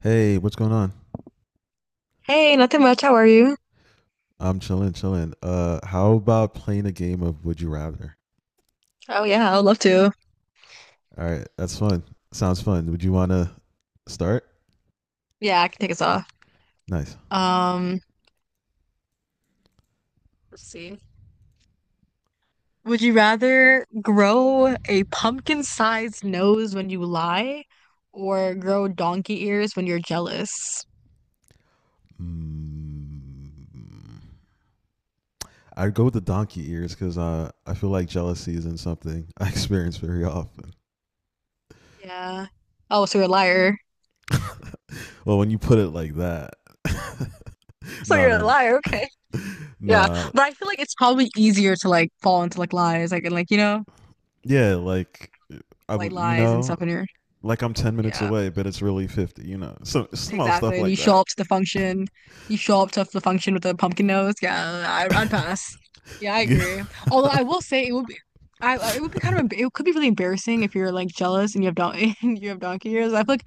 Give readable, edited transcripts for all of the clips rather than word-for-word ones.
Hey, what's going on? Hey, nothing much. How are you? I'm chilling, chilling. How about playing a game of Would You Rather? Oh yeah, I would love to. All right, that's fun. Sounds fun. Would you want to start? Yeah, I can take us off. Nice. Um, let's see. Would you rather grow a pumpkin-sized nose when you lie or grow donkey ears when you're jealous? Mm, I'd go with the donkey ears because I feel like jealousy isn't something I experience very often. Yeah. Oh, so you're a liar. Well, when you put it like that, So no, you're a no, liar, okay. no. Yeah. nah, But I feel like it's probably easier to like fall into like lies, like and like, you know, yeah, like I, white w- you lies and know, stuff in your like I'm 10 minutes yeah. away, but it's really 50. You know, so small stuff Exactly. And you like show that. up to the function. You show up to the function with a pumpkin nose. Yeah, I'd pass. Yeah, I Yeah. agree. Although I will say it would be, it would be kind of it could be really embarrassing if you're like jealous and you have don and you have donkey ears. I feel like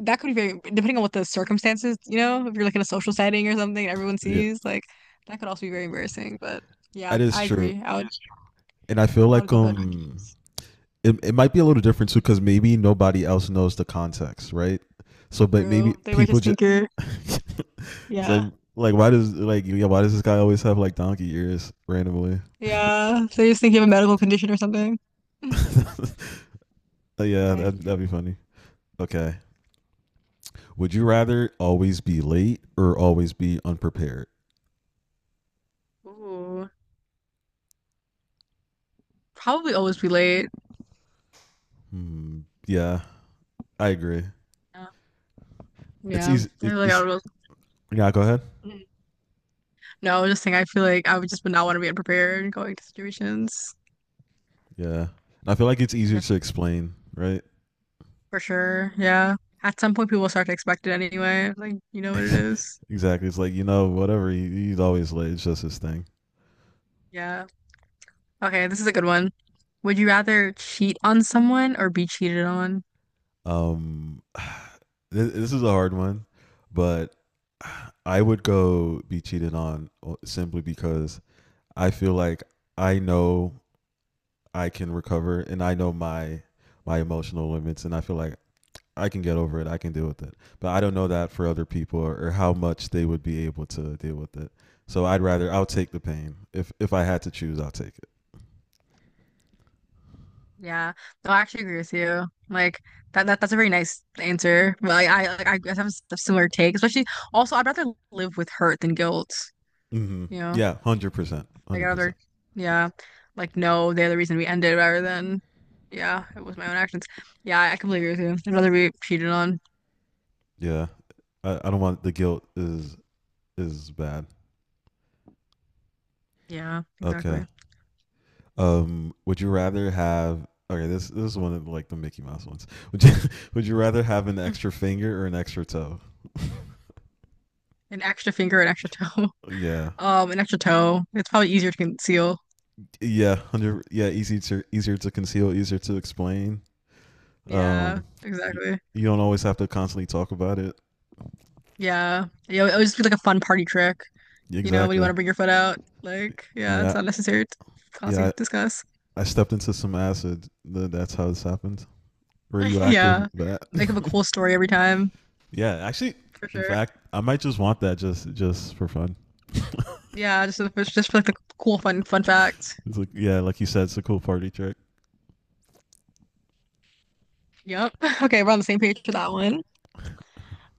that could be very depending on what the circumstances. You know, if you're like in a social setting or something, everyone Yeah, sees like that could also be very embarrassing. But yeah, that is I true. agree. And I feel I would like go for the donkey ears. it might be a little different too because maybe nobody else knows the context, right? So, but True. maybe They might people just just think you're it's like yeah why does this guy always have like donkey ears randomly? yeah. They just think you have a medical condition or something. Yeah, Okay. that'd be funny. Okay, would you rather always be late or always be unprepared? Ooh. Probably always be late. Hmm, yeah, I agree. Yeah. It's Yeah. easy. I It, feel like I it's would, yeah. Go ahead. mhm. No, I was just saying, I feel like I would just would not want to be unprepared going to situations. Yeah, and I feel like it's I'm easier to definitely. explain, right? For sure. Yeah. At some point, people will start to expect it anyway. Like, you know what it is. exactly. It's like you know, whatever. He's always late. It's just his thing. Yeah. Okay, this is a good one. Would you rather cheat on someone or be cheated on? Um, this is a hard one, but I would go be cheated on simply because I feel like I know I can recover and I know my emotional limits, and I feel like I can get over it. I can deal with it. But I don't know that for other people or how much they would be able to deal with it. So I'll take the pain. If I had to choose, I'll take it. Yeah. No, I actually agree with you. Like that's a very nice answer. But like I guess I have a similar take, especially also I'd rather live with hurt than guilt, Mm-hmm. you know. Yeah, 100%, Like hundred other, percent. yeah, like no, they're the reason we ended rather than, yeah, it was my own actions. Yeah, I completely agree with you. I'd rather be cheated on. Yeah, I don't want the guilt is bad. Yeah, Okay. exactly. Would you rather have? Okay, this is one of like the Mickey Mouse ones. Would you would you rather have an Mm. extra finger or an extra toe? An extra finger, an extra toe. Yeah, an extra toe. It's probably easier to conceal. yeah, hundred. Yeah, easy to easier to conceal, easier to explain. Yeah, Um, you, exactly. you don't always have to constantly talk about it. Yeah, yeah. It would just be like a fun party trick. You know, when you want Exactly. to bring your foot out, like, yeah, it's Yeah. not necessary to cause you yeah, discuss. I stepped into some acid. That's how this happened. Radioactive Yeah, bat. make up a cool story every time Yeah, actually, for in sure. fact, I might just want that just for fun. Yeah, just for like the cool fun fact. It's like yeah, like you said, it's a cool party trick. Yep. Okay, we're on the same page for that one.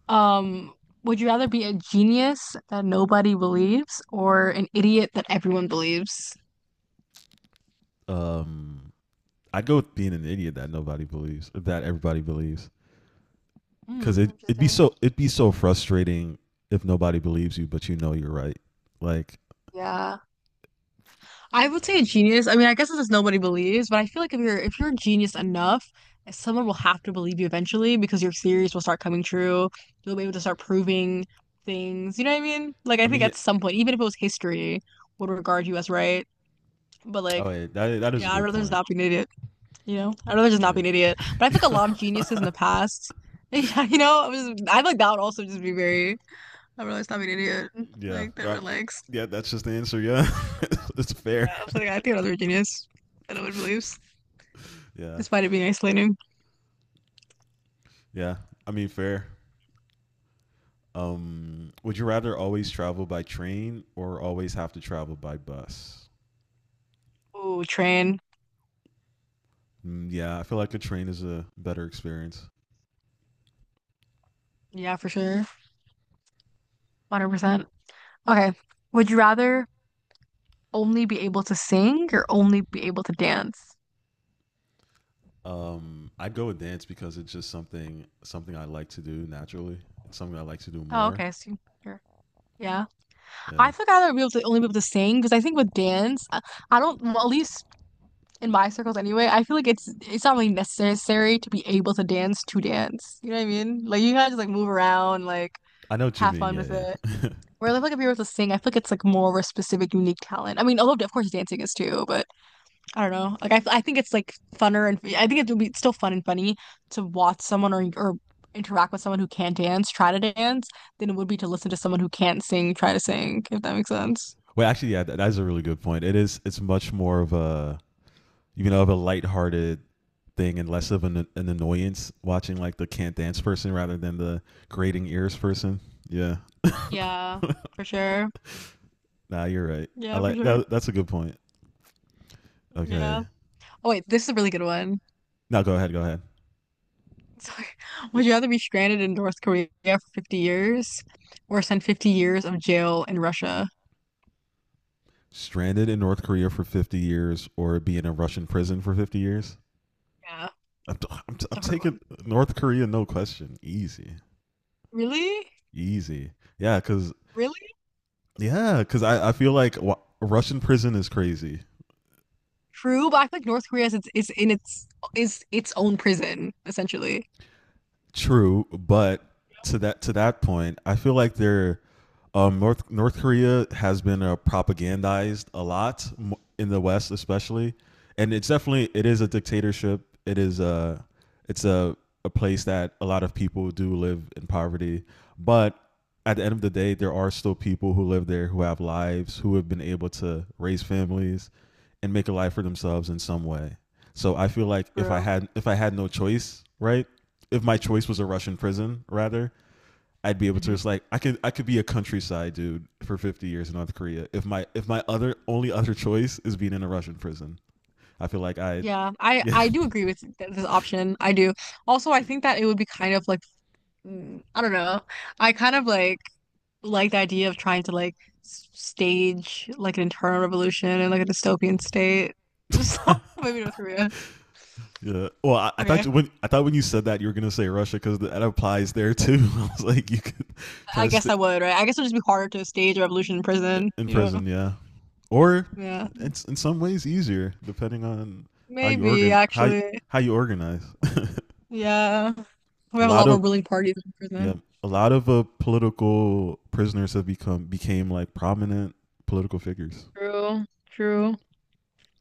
Um, would you rather be a genius that nobody believes or an idiot that everyone believes? Um, I'd go with being an idiot that everybody believes, because Hmm, interesting. It'd be so frustrating if nobody believes you, but you know you're right. Like, Yeah. I would say a genius. I mean, I guess it's just nobody believes, but I feel like if you're a genius enough, someone will have to believe you eventually because your theories will start coming true. You'll be able to start proving things. You know what I mean? Like I I mean, think yeah, at some point, even if it was history, would regard you as right. But oh, like, yeah, that that is a yeah, I'd good rather just point. not be an idiot. You know, I'd rather just not be Yeah, an idiot. But I feel like a lot of geniuses in the past, yeah, you know, I was I feel like that would also just be very. I'd rather just not be an idiot. yeah, Like that that, relax. yeah. That's just the answer. Yeah, it's Yeah, fair. I was like, I think I'd rather be a genius than I would beliefs, Yeah, despite it being isolating. yeah. I mean, fair. Would you rather always travel by train or always have to travel by bus? Ooh, train. Yeah, I feel like a train is a better experience. Yeah, for sure, 100%. Okay, would you rather only be able to sing or only be able to dance? I'd go with dance because it's just something I like to do naturally. It's something I like to do Oh, more. okay, so you're, yeah. Yeah, I'd rather be able to only be able to sing because I think with dance, I don't well, at least in my circles anyway, I feel like it's not really necessary to be able to dance to dance. You know what I mean? Like you gotta just like move around, like I know what you have mean. fun Yeah, with it. yeah. Where like if you're able to sing, I feel like it's like more of a specific, unique talent. I mean, although of course dancing is too, but I don't know. Like I think it's like funner and I think it would be still fun and funny to watch someone or interact with someone who can not dance try to dance than it would be to listen to someone who can't sing try to sing, if that makes sense. Wait, actually, yeah, that's a really good point. It is. It's much more of a of a lighthearted thing and less of an annoyance watching like the can't dance person rather than the grating ears person. Yeah. Yeah, for sure. Nah, you're right. I Yeah, for like sure. that. That's a good point. Okay. Yeah. Oh wait, this is a really good one. No, go ahead. Go ahead. So, would you rather be stranded in North Korea for 50 years or spend 50 years of jail in Russia? Stranded in North Korea for 50 years or be in a Russian prison for 50 years? Yeah, it's I'm a hard taking one. North Korea, no question. Easy. Really? Easy. Yeah, because Really? yeah, because I feel like Russian prison is crazy. True, but I feel like North Korea is its, is in its is its own prison, essentially. True, but to that point, I feel like they're North Korea has been propagandized a lot in the West, especially, and it's definitely it is a dictatorship. It is a it's a place that a lot of people do live in poverty, but at the end of the day, there are still people who live there who have lives who have been able to raise families and make a life for themselves in some way. So I feel like True. If I had no choice, right, if my choice was a Russian prison, rather, I'd be able to Hmm. just like I could be a countryside dude for 50 years in North Korea. If my other only other choice is being in a Russian prison, I feel like I. Yeah, Yeah, I do agree with th this option. I do. Also, I think that it would be kind of like I don't know. I kind of like the idea of trying to like stage like an internal revolution and like a dystopian state. So maybe North Korea. yeah. Well, Okay. When I thought when you said that you were gonna say Russia because that applies there too. I was like, you could try I to guess stay I would, right? I guess it would just be harder to stage a revolution in prison, in you know? prison, yeah, or Yeah. it's in some ways easier depending on how you Maybe, organ how actually. how you organize. Yeah. We a have a lot lot more of ruling parties in Yeah, prison. a lot of political prisoners have become became like prominent political figures. True. True.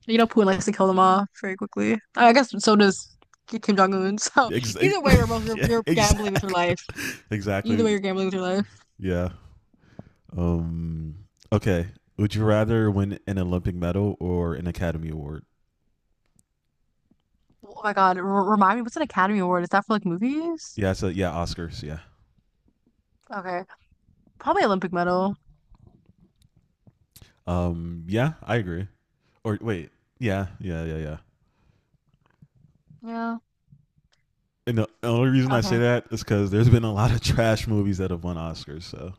You know, Putin Uh, likes to kill them off very quickly. I guess so does Kim Jong-un. So ex- either way, we're both, yeah, you're gambling with your exactly. life. Either Exactly. way, you're gambling with your life. Yeah. Um. Okay. Would you rather win an Olympic medal or an Academy Award? Oh my God. R Remind me, what's an Academy Award? Is that for like movies? Yeah. So yeah, Oscars. Yeah. Okay. Probably Olympic medal. Yeah, I agree. Or wait. Yeah. Yeah. Yeah. Yeah. Yeah. And the only reason I say Okay. that is because there's been a lot of trash movies that have won Oscars. So.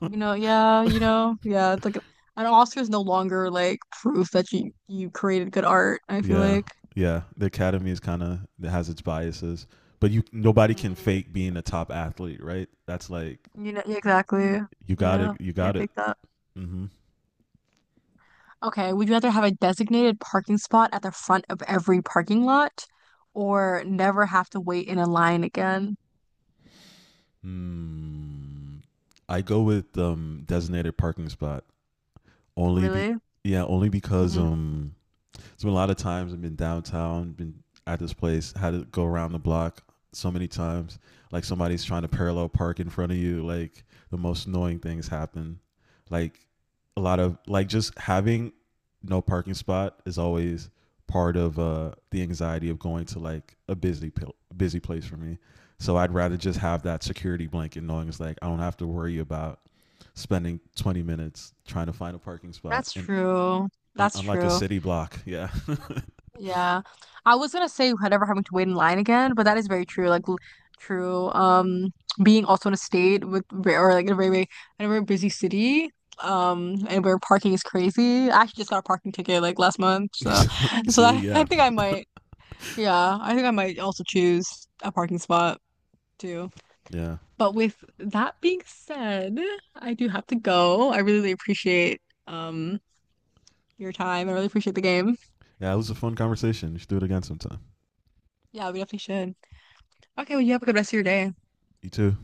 You know, yeah, you know, yeah. It's like an Oscar is no longer like proof that you created good art. I feel Yeah, like, yeah. The academy is kind of it has its biases, but you nobody can mhm. fake being a top athlete, right? That's like You know, yeah, exactly. you got it. Yeah, You got can't it. fake that. Mm-hmm. Okay, would you rather have a designated parking spot at the front of every parking lot, or never have to wait in a line again? Mm. I go with designated parking spot only be Really? yeah only because Hmm. It's been a lot of times I've been downtown, been at this place, had to go around the block so many times. Like somebody's trying to parallel park in front of you. Like the most annoying things happen. Like a lot of like just having no parking spot is always part of the anxiety of going to like a busy place for me. So I'd rather just have that security blanket knowing it's like I don't have to worry about spending 20 minutes trying to find a parking spot That's and true. That's on like a true. city block. Yeah. Yeah. I was gonna say never having to wait in line again, but that is very true. Like true. Being also in a state with or like in a very, very in a very busy city, and where parking is crazy. I actually just got a parking ticket like last month, so so See, I yeah, think I might. Yeah, I think I might also choose a parking spot too. yeah, But with that being said, I do have to go. I really appreciate um your time. I really appreciate the game. yeah. It was a fun conversation. You should do it again sometime. Yeah, we definitely should. Okay, well, you have a good rest of your day. You too.